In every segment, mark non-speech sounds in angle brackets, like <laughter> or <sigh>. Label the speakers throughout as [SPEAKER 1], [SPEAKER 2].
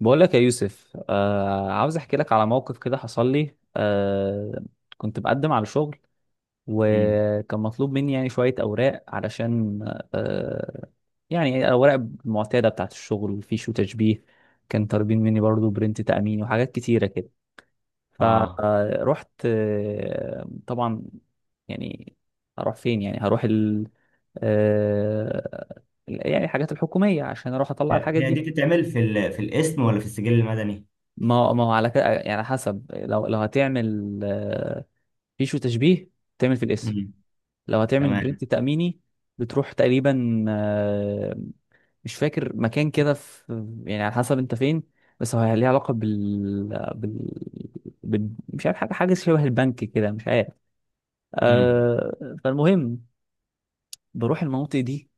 [SPEAKER 1] بقول لك يا يوسف، عاوز احكي لك على موقف كده حصل لي. كنت بقدم على شغل،
[SPEAKER 2] امم.
[SPEAKER 1] وكان مطلوب مني يعني شوية أوراق علشان آه يعني الأوراق المعتادة بتاعة الشغل فيش وتشبيه. كان طالبين مني برضو برنت تأمين وحاجات كتيرة كده.
[SPEAKER 2] اه.
[SPEAKER 1] فرحت، طبعا يعني هروح فين؟ يعني هروح ال آه يعني الحاجات الحكومية عشان أروح أطلع
[SPEAKER 2] هي
[SPEAKER 1] الحاجات
[SPEAKER 2] هي دي
[SPEAKER 1] دي.
[SPEAKER 2] بتتعمل في في الاسم ولا في السجل المدني؟
[SPEAKER 1] ما هو على كده يعني حسب. لو هتعمل فيشو تشبيه تعمل في الاسم.
[SPEAKER 2] امم.
[SPEAKER 1] لو هتعمل
[SPEAKER 2] تمام.
[SPEAKER 1] برنت تأميني بتروح تقريبا، مش فاكر مكان كده، في يعني على حسب انت فين. بس هو ليه علاقة بال... بال... بال... مش عارف، حاجة حاجة شبه البنك كده، مش عارف.
[SPEAKER 2] امم.
[SPEAKER 1] فالمهم بروح المناطق دي،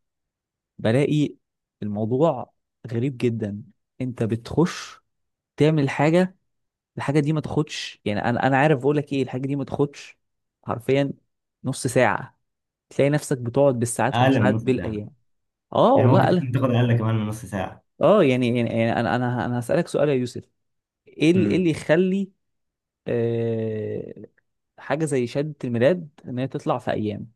[SPEAKER 1] بلاقي الموضوع غريب جدا. انت بتخش تعمل حاجة، الحاجه دي ما تاخدش، يعني انا عارف بقول لك ايه، الحاجه دي ما تاخدش حرفيا نص ساعه، تلاقي نفسك بتقعد بالساعات
[SPEAKER 2] اقل من
[SPEAKER 1] وساعات
[SPEAKER 2] نص ساعه.
[SPEAKER 1] بالايام. اه
[SPEAKER 2] يعني
[SPEAKER 1] والله
[SPEAKER 2] ممكن
[SPEAKER 1] قال.
[SPEAKER 2] تكون تاخد اقل كمان من نص ساعه.
[SPEAKER 1] اه، يعني انا هسالك سؤال يا يوسف: إيه اللي يخلي آه حاجه زي شهاده الميلاد ان هي تطلع في ايام؟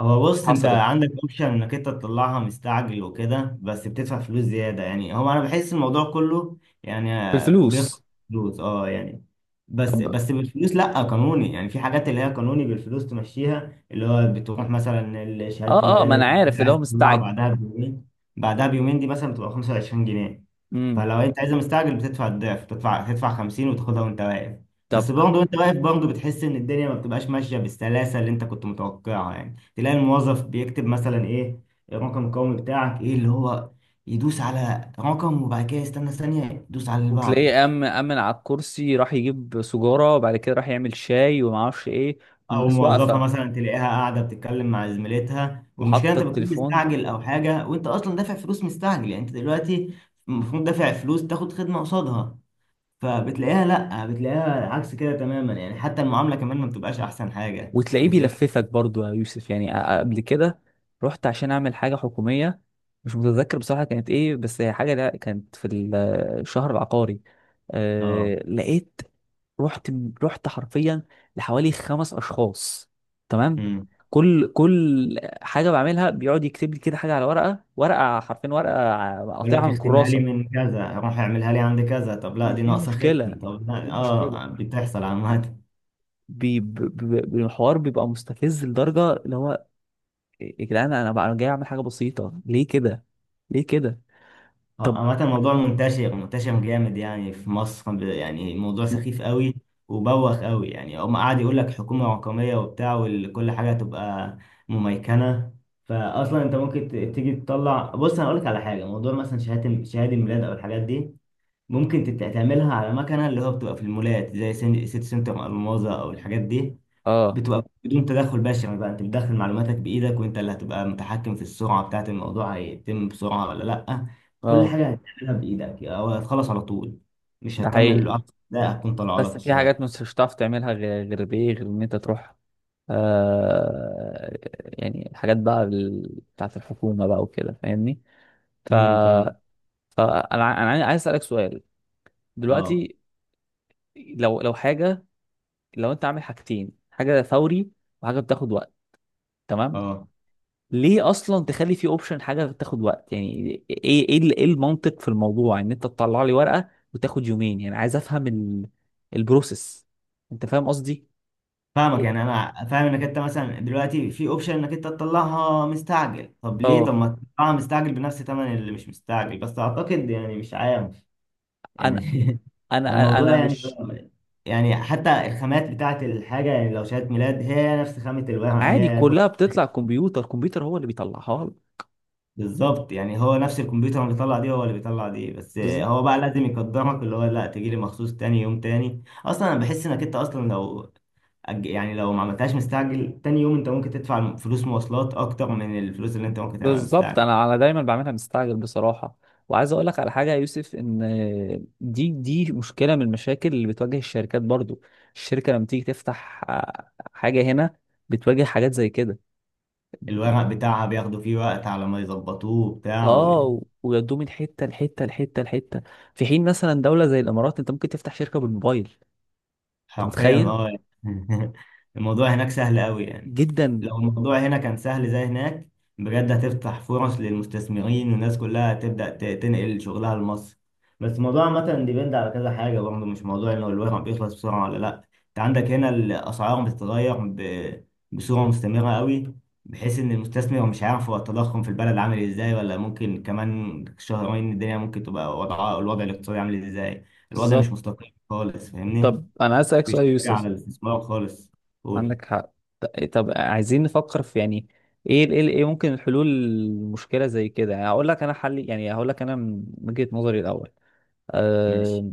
[SPEAKER 2] هو بص، انت
[SPEAKER 1] حصلت
[SPEAKER 2] عندك اوبشن انك انت تطلعها مستعجل وكده بس بتدفع فلوس زياده، يعني هو انا بحس الموضوع كله، يعني بياخد
[SPEAKER 1] بالفلوس.
[SPEAKER 2] فلوس، اه يعني.
[SPEAKER 1] طب،
[SPEAKER 2] بس بالفلوس لا قانوني، يعني في حاجات اللي هي قانوني بالفلوس تمشيها، اللي هو بتروح مثلا شهاده
[SPEAKER 1] اه، اه،
[SPEAKER 2] الميلاد
[SPEAKER 1] ما انا
[SPEAKER 2] اللي
[SPEAKER 1] عارف
[SPEAKER 2] انت
[SPEAKER 1] اللي هو
[SPEAKER 2] عايز تطلعها
[SPEAKER 1] مستعجل.
[SPEAKER 2] بعدها بيومين دي مثلا بتبقى 25 جنيه.
[SPEAKER 1] امم.
[SPEAKER 2] فلو انت عايز مستعجل بتدفع الضعف، تدفع 50 وتاخدها وانت واقف. بس
[SPEAKER 1] طب.
[SPEAKER 2] برضه وانت واقف برضه بتحس ان الدنيا ما بتبقاش ماشيه بالسلاسه اللي انت كنت متوقعها، يعني تلاقي الموظف بيكتب مثلا ايه، الرقم القومي بتاعك ايه، اللي هو يدوس على رقم وبعد كده يستنى ثانية يدوس على اللي
[SPEAKER 1] وتلاقيه
[SPEAKER 2] بعده.
[SPEAKER 1] أمن على الكرسي، راح يجيب سجارة وبعد كده راح يعمل شاي وما اعرفش ايه،
[SPEAKER 2] او
[SPEAKER 1] والناس
[SPEAKER 2] موظفة
[SPEAKER 1] واقفة
[SPEAKER 2] مثلا تلاقيها قاعدة بتتكلم مع زميلتها، والمشكلة
[SPEAKER 1] وحاطه
[SPEAKER 2] انت بتكون
[SPEAKER 1] التليفون.
[SPEAKER 2] مستعجل او حاجة، وانت اصلا دافع فلوس مستعجل. يعني انت دلوقتي المفروض دافع فلوس تاخد خدمة قصادها، فبتلاقيها لا بتلاقيها عكس كده تماما. يعني حتى المعاملة كمان ما بتبقاش احسن حاجة
[SPEAKER 1] وتلاقيه
[SPEAKER 2] بتلاقيهم.
[SPEAKER 1] بيلففك برضو يا يوسف، يعني قبل كده رحت عشان اعمل حاجه حكوميه، مش متذكر بصراحه كانت ايه، بس هي حاجه لا، كانت في الشهر العقاري.
[SPEAKER 2] اه،
[SPEAKER 1] لقيت، رحت رحت حرفيا لحوالي خمس اشخاص، تمام. كل حاجه بعملها بيقعد يكتب لي كده حاجه على ورقه، ورقه، حرفيا ورقه
[SPEAKER 2] يقول
[SPEAKER 1] قاطعها
[SPEAKER 2] لك
[SPEAKER 1] من
[SPEAKER 2] اختمها لي
[SPEAKER 1] الكراسه.
[SPEAKER 2] من كذا، روح اعملها لي عند كذا، طب لا
[SPEAKER 1] مش
[SPEAKER 2] دي
[SPEAKER 1] دي
[SPEAKER 2] ناقصه
[SPEAKER 1] المشكله،
[SPEAKER 2] ختم، طب
[SPEAKER 1] مش دي
[SPEAKER 2] لا.
[SPEAKER 1] المشكله،
[SPEAKER 2] اه، بتحصل عامة.
[SPEAKER 1] الحوار بيبقى مستفز لدرجه اللي هو يا جدعان، انا بقى جاي اعمل حاجه بسيطه، ليه كده؟ ليه كده؟ طب،
[SPEAKER 2] عامة الموضوع منتشر منتشر جامد يعني في مصر، يعني الموضوع سخيف قوي وبوخ قوي. يعني هم قعد يقول لك حكومة رقمية وبتاع وكل حاجة تبقى مميكنة، فأصلا أنت ممكن تيجي تطلع. بص، أنا أقول لك على حاجة، موضوع مثلا شهادة الميلاد أو الحاجات دي ممكن تعملها على مكنة اللي هو بتبقى في المولات زي سيتي سنتر ألماظة أو الحاجات دي.
[SPEAKER 1] اه،
[SPEAKER 2] بتبقى بدون تدخل بشري، بقى انت بتدخل معلوماتك بايدك وانت اللي هتبقى متحكم في السرعه بتاعت الموضوع، هيتم بسرعه ولا لا. كل
[SPEAKER 1] اه،
[SPEAKER 2] حاجه هتعملها بايدك او هتخلص على طول، مش
[SPEAKER 1] ده
[SPEAKER 2] هتكمل
[SPEAKER 1] حقيقي.
[SPEAKER 2] العقد ده هتكون طالعه
[SPEAKER 1] بس
[SPEAKER 2] لك
[SPEAKER 1] في
[SPEAKER 2] الشهاده.
[SPEAKER 1] حاجات مش هتعرف تعملها غير بايه؟ غير ان انت تروح آه يعني الحاجات بقى، بتاعت الحكومه بقى وكده، فاهمني؟ ف
[SPEAKER 2] فاهم.
[SPEAKER 1] فانا انا عايز اسالك سؤال
[SPEAKER 2] اه،
[SPEAKER 1] دلوقتي. لو حاجه، لو انت عامل حاجتين، حاجه فوري وحاجه بتاخد وقت، تمام؟
[SPEAKER 2] اه،
[SPEAKER 1] ليه اصلا تخلي في اوبشن حاجه تاخد وقت؟ يعني إيه المنطق في الموضوع ان انت تطلع لي ورقه وتاخد يومين؟ يعني عايز افهم ال... البروسيس، انت فاهم قصدي؟
[SPEAKER 2] فاهمك. يعني انا فاهم انك انت مثلا دلوقتي في اوبشن انك انت تطلعها مستعجل، طب ليه؟ طب
[SPEAKER 1] اه.
[SPEAKER 2] ما تطلعها مستعجل بنفس ثمن اللي مش مستعجل. بس اعتقد يعني مش عارف.
[SPEAKER 1] انا
[SPEAKER 2] يعني <laughs>
[SPEAKER 1] انا انا
[SPEAKER 2] الموضوع،
[SPEAKER 1] أنا
[SPEAKER 2] يعني
[SPEAKER 1] مش
[SPEAKER 2] حتى الخامات بتاعت الحاجة، يعني لو شهادة ميلاد هي نفس خامة الورق،
[SPEAKER 1] عادي،
[SPEAKER 2] هي كل.
[SPEAKER 1] كلها بتطلع كمبيوتر، الكمبيوتر هو اللي بيطلعها لك.
[SPEAKER 2] بالظبط، يعني هو نفس الكمبيوتر اللي بيطلع دي هو اللي بيطلع دي، بس
[SPEAKER 1] بالظبط.
[SPEAKER 2] هو بقى لازم يقدرك اللي هو لا تجي لي مخصوص تاني يوم. تاني، أصلا أنا بحس إنك أنت أصلا لو يعني لو ما عملتهاش مستعجل تاني يوم، أنت ممكن تدفع فلوس مواصلات أكتر من الفلوس اللي أنت ممكن تعملها
[SPEAKER 1] بالظبط،
[SPEAKER 2] مستعجل.
[SPEAKER 1] انا دايما بعملها مستعجل بصراحه. وعايز اقول لك على حاجه يا يوسف، ان دي مشكله من المشاكل اللي بتواجه الشركات برضو. الشركه لما تيجي تفتح حاجه هنا بتواجه حاجات زي كده.
[SPEAKER 2] الورق بتاعها بياخدوا فيه وقت على ما يظبطوه وبتاع.
[SPEAKER 1] اه، ويودوه من حته لحته لحته لحته، في حين مثلا دوله زي الامارات انت ممكن تفتح شركه بالموبايل. انت
[SPEAKER 2] حرفيا،
[SPEAKER 1] متخيل؟
[SPEAKER 2] اه يعني. <laughs> الموضوع هناك سهل قوي يعني.
[SPEAKER 1] جدا.
[SPEAKER 2] لو الموضوع هنا كان سهل زي هناك، بجد هتفتح فرص للمستثمرين، والناس كلها هتبدأ تنقل شغلها لمصر. بس الموضوع عامة ديبند على كذا حاجة برضه، مش موضوع انه الورق بيخلص بسرعة ولا لا. انت عندك هنا الأسعار بتتغير بصورة مستمرة قوي، بحيث ان المستثمر مش عارف هو التضخم في البلد عامل ازاي، ولا ممكن كمان شهرين الدنيا ممكن تبقى وضعها، الوضع الاقتصادي عامل ازاي. الوضع مش
[SPEAKER 1] بالظبط.
[SPEAKER 2] مستقر خالص، فاهمني.
[SPEAKER 1] طب انا عايز اسالك
[SPEAKER 2] مش
[SPEAKER 1] سؤال يا
[SPEAKER 2] حاجة عن
[SPEAKER 1] يوسف.
[SPEAKER 2] الاستثمار خالص. قول.
[SPEAKER 1] عندك حق. طب عايزين نفكر في، يعني ايه ممكن الحلول المشكله زي كده، يعني هقول لك انا حل، يعني هقول لك انا من وجهه نظري الاول.
[SPEAKER 2] ماشي.
[SPEAKER 1] أه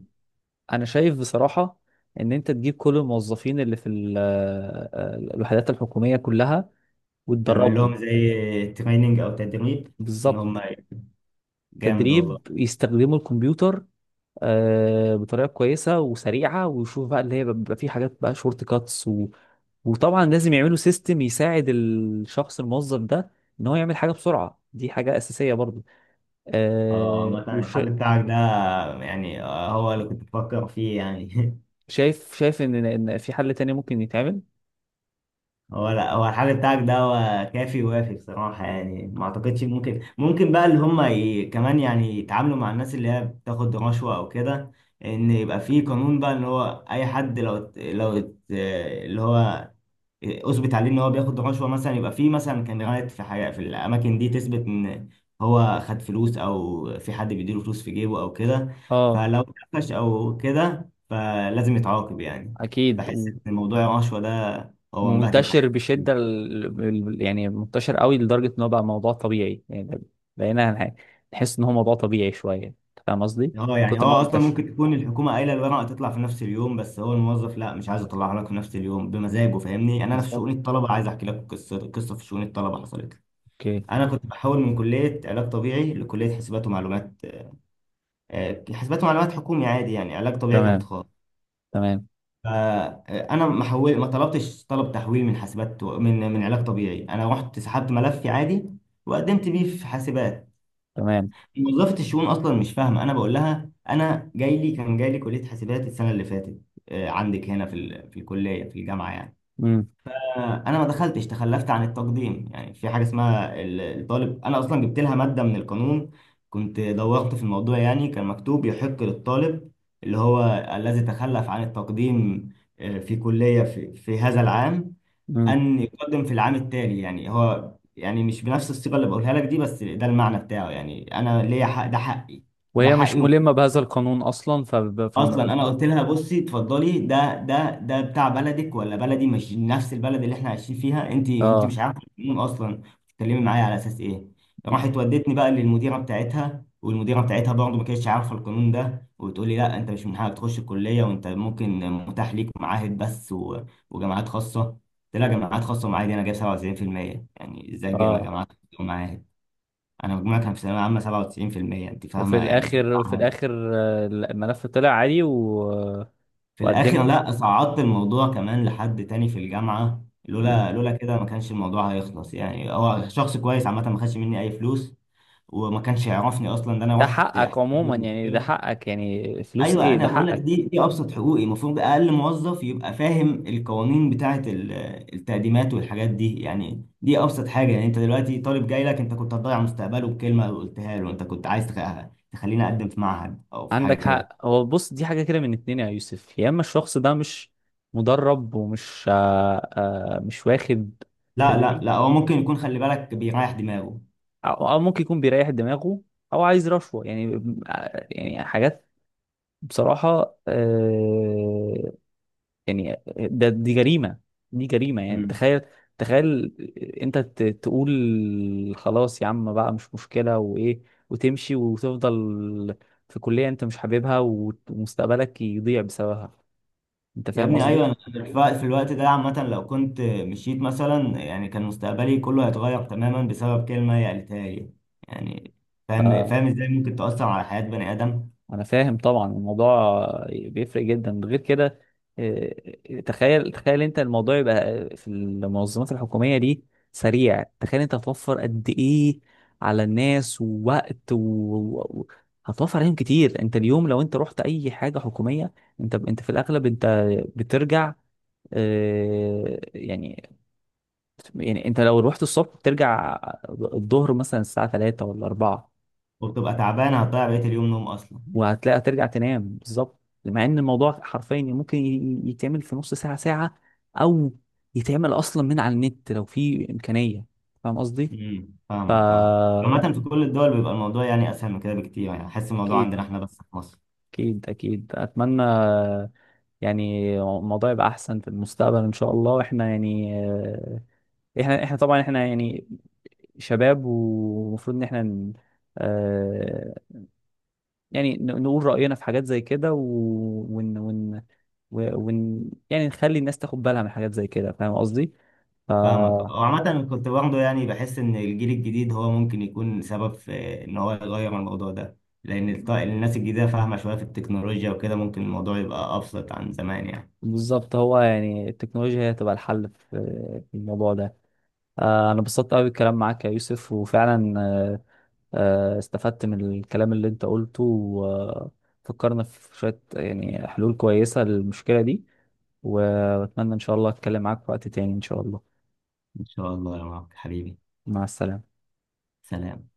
[SPEAKER 1] انا شايف بصراحه ان انت تجيب كل الموظفين اللي في الوحدات الحكوميه كلها
[SPEAKER 2] تعمل
[SPEAKER 1] وتدربهم.
[SPEAKER 2] لهم زي تريننج أو تدريب. إن هم،
[SPEAKER 1] بالظبط.
[SPEAKER 2] جامد
[SPEAKER 1] تدريب
[SPEAKER 2] والله.
[SPEAKER 1] يستخدموا الكمبيوتر بطريقه كويسه وسريعه، ويشوف بقى اللي هي بيبقى فيه حاجات بقى شورت كاتس و... وطبعا لازم يعملوا سيستم يساعد الشخص الموظف ده ان هو يعمل حاجه بسرعه، دي حاجه اساسيه برضو.
[SPEAKER 2] اه،
[SPEAKER 1] آه
[SPEAKER 2] عامة الحل بتاعك ده يعني هو اللي كنت بفكر فيه يعني.
[SPEAKER 1] وشايف، ان في حل تاني ممكن يتعمل؟
[SPEAKER 2] <laughs> هو لا، هو الحل بتاعك ده هو كافي ووافي بصراحة، يعني ما أعتقدش. ممكن، ممكن بقى اللي هم كمان يعني يتعاملوا مع الناس اللي هي بتاخد رشوة أو كده. إن يبقى فيه قانون بقى، إن هو أي حد لو اللي هو اثبت عليه ان هو بياخد رشوه مثلا، يبقى في مثلا كاميرات، في حاجه في الاماكن دي تثبت ان هو خد فلوس، او في حد بيديله فلوس في جيبه او كده.
[SPEAKER 1] اه.
[SPEAKER 2] فلو اتقفش او كده فلازم يتعاقب يعني.
[SPEAKER 1] اكيد.
[SPEAKER 2] بحس ان موضوع الرشوه ده هو مبهدل
[SPEAKER 1] ومنتشر
[SPEAKER 2] حاجات كتير.
[SPEAKER 1] بشده، يعني منتشر قوي لدرجه ان هو بقى موضوع طبيعي، يعني بقينا نحس ان هو موضوع طبيعي شويه، أنت فاهم قصدي،
[SPEAKER 2] هو
[SPEAKER 1] من
[SPEAKER 2] يعني هو
[SPEAKER 1] كتر ما هو
[SPEAKER 2] اصلا
[SPEAKER 1] منتشر.
[SPEAKER 2] ممكن تكون الحكومه قايله الورقه تطلع في نفس اليوم، بس هو الموظف لا، مش عايز اطلعها لك في نفس اليوم بمزاجه، فاهمني؟ يعني انا في
[SPEAKER 1] بالظبط.
[SPEAKER 2] شؤون الطلبه عايز احكي لك قصه. قصه في شؤون الطلبه حصلت لي.
[SPEAKER 1] اوكي.
[SPEAKER 2] انا كنت بحول من كليه علاج طبيعي لكليه حسابات ومعلومات، حاسبات ومعلومات حكومي عادي، يعني علاج طبيعي كانت
[SPEAKER 1] تمام،
[SPEAKER 2] خاص.
[SPEAKER 1] تمام،
[SPEAKER 2] فانا ما حول، ما طلبتش طلب تحويل من حاسبات من علاج طبيعي، انا رحت سحبت ملفي عادي وقدمت بيه في حاسبات.
[SPEAKER 1] تمام.
[SPEAKER 2] موظفه الشؤون اصلا مش فاهمه انا بقول لها انا جاي لي كان جاي لي كليه حاسبات السنه اللي فاتت عندك هنا في في الكليه في الجامعه، يعني
[SPEAKER 1] امم.
[SPEAKER 2] انا ما دخلتش، تخلفت عن التقديم. يعني في حاجه اسمها الطالب، انا اصلا جبت لها ماده من القانون، كنت دورت في الموضوع، يعني كان مكتوب يحق للطالب، اللي هو الذي تخلف عن التقديم في كليه في هذا العام،
[SPEAKER 1] امم.
[SPEAKER 2] ان يقدم في العام التالي. يعني هو يعني مش بنفس الصيغه اللي بقولها لك دي، بس ده المعنى بتاعه. يعني انا ليا حق، ده حقي. ده
[SPEAKER 1] وهي مش
[SPEAKER 2] حقي
[SPEAKER 1] ملمة بهذا القانون اصلا،
[SPEAKER 2] اصلا. انا قلت لها بصي، اتفضلي، ده بتاع بلدك ولا بلدي؟ مش نفس البلد اللي احنا عايشين فيها؟ انت
[SPEAKER 1] اه.
[SPEAKER 2] مش عارفه القانون اصلا، بتتكلمي معايا على اساس ايه؟ راحت ودتني بقى للمديره بتاعتها، والمديره بتاعتها برضه ما كانتش عارفه القانون ده، وبتقولي لا انت مش من حقك تخش الكليه، وانت ممكن متاح ليك معاهد بس وجامعات خاصه. قلت لها جامعات خاصه ومعاهد إيه؟ انا جايب 97%، يعني ازاي جايب
[SPEAKER 1] اه.
[SPEAKER 2] جامعات خاصة ومعاهد؟ انا مجموعي كان في ثانويه عامه 97%، انت
[SPEAKER 1] وفي
[SPEAKER 2] فاهمه يعني.
[SPEAKER 1] الاخر، الملف طلع عادي و...
[SPEAKER 2] في
[SPEAKER 1] وقدمت.
[SPEAKER 2] الاخر لا، صعدت الموضوع كمان لحد تاني في الجامعه،
[SPEAKER 1] مم.
[SPEAKER 2] لولا كده ما كانش الموضوع هيخلص. يعني هو شخص كويس عامه، ما خدش مني اي فلوس وما كانش يعرفني اصلا، ده انا
[SPEAKER 1] ده
[SPEAKER 2] رحت حكيت
[SPEAKER 1] حقك
[SPEAKER 2] له
[SPEAKER 1] عموما، يعني ده
[SPEAKER 2] المشكله.
[SPEAKER 1] حقك، يعني فلوس
[SPEAKER 2] ايوه،
[SPEAKER 1] ايه؟ ده
[SPEAKER 2] انا بقول لك
[SPEAKER 1] حقك.
[SPEAKER 2] دي ابسط حقوقي. المفروض اقل موظف يبقى فاهم القوانين بتاعه التقديمات والحاجات دي، يعني دي ابسط حاجه. يعني انت دلوقتي طالب جاي لك، انت كنت هتضيع مستقبله بكلمه قلتها له. انت كنت عايز تخليني اقدم في معهد او في حاجه
[SPEAKER 1] عندك
[SPEAKER 2] كده.
[SPEAKER 1] حق. هو بص، دي حاجة كده من اتنين يا يوسف: يا اما الشخص ده مش مدرب ومش مش واخد
[SPEAKER 2] لا، لا،
[SPEAKER 1] تدريب،
[SPEAKER 2] لا، هو ممكن يكون خلي بالك بيريح دماغه.
[SPEAKER 1] او ممكن يكون بيريح دماغه، او عايز رشوه يعني، يعني حاجات بصراحه. يعني دي جريمه، دي جريمه. يعني
[SPEAKER 2] مم.
[SPEAKER 1] تخيل، تخيل، انت تقول خلاص يا عم بقى، مش مشكله وايه، وتمشي وتفضل في كليه انت مش حاببها ومستقبلك يضيع بسببها، انت
[SPEAKER 2] يا
[SPEAKER 1] فاهم
[SPEAKER 2] ابني، ايوه،
[SPEAKER 1] قصدي؟
[SPEAKER 2] انا في في الوقت ده عامه لو كنت مشيت مثلا، يعني كان مستقبلي كله هيتغير تماما بسبب كلمه هي قالتها لي. يعني فاهم ازاي ممكن تاثر على حياه بني ادم.
[SPEAKER 1] انا فاهم طبعا، الموضوع بيفرق جدا غير كده. تخيل، تخيل انت الموضوع يبقى في المنظمات الحكوميه دي سريع، تخيل انت هتوفر قد ايه على الناس ووقت و... و... هتوفر عليهم كتير. انت اليوم لو انت رحت اي حاجه حكوميه انت في الاغلب انت بترجع، يعني، يعني انت لو رحت الصبح بترجع الظهر مثلا الساعه 3 ولا 4.
[SPEAKER 2] وبتبقى تعبان، هتضيع بقيه اليوم نوم اصلا.
[SPEAKER 1] وهتلاقي هترجع تنام بالظبط، مع ان الموضوع حرفيا ممكن يتعمل في نص ساعة ساعة، او يتعمل اصلا من على النت لو في امكانية. فاهم قصدي؟ ف
[SPEAKER 2] فاهمك، فاهمك. عامه في كل الدول بيبقى الموضوع يعني اسهل من كده بكتير، يعني حاسس الموضوع
[SPEAKER 1] اكيد،
[SPEAKER 2] عندنا احنا بس في مصر.
[SPEAKER 1] اكيد، اكيد. اتمنى يعني الموضوع يبقى احسن في المستقبل ان شاء الله. واحنا يعني احنا طبعا احنا يعني شباب، ومفروض ان احنا يعني نقول رأينا في حاجات زي كده و... ون... ون... ون... يعني نخلي الناس تاخد بالها من حاجات زي كده. فاهم قصدي؟ ف
[SPEAKER 2] فاهمك، وعامة كنت برضه يعني بحس إن الجيل الجديد هو ممكن يكون سبب في إن هو يغير الموضوع ده، لأن الناس الجديدة فاهمة شوية في التكنولوجيا وكده، ممكن الموضوع يبقى أبسط عن زمان يعني.
[SPEAKER 1] بالظبط. هو يعني التكنولوجيا هي تبقى الحل في في الموضوع ده. آه، انا انبسطت قوي بالكلام معاك يا يوسف، وفعلا استفدت من الكلام اللي انت قلته، وفكرنا في شوية يعني حلول كويسة للمشكلة دي. واتمنى ان شاء الله اتكلم معاك في وقت تاني ان شاء الله.
[SPEAKER 2] إن شاء الله يا مارك حبيبي.
[SPEAKER 1] مع السلامة.
[SPEAKER 2] سلام.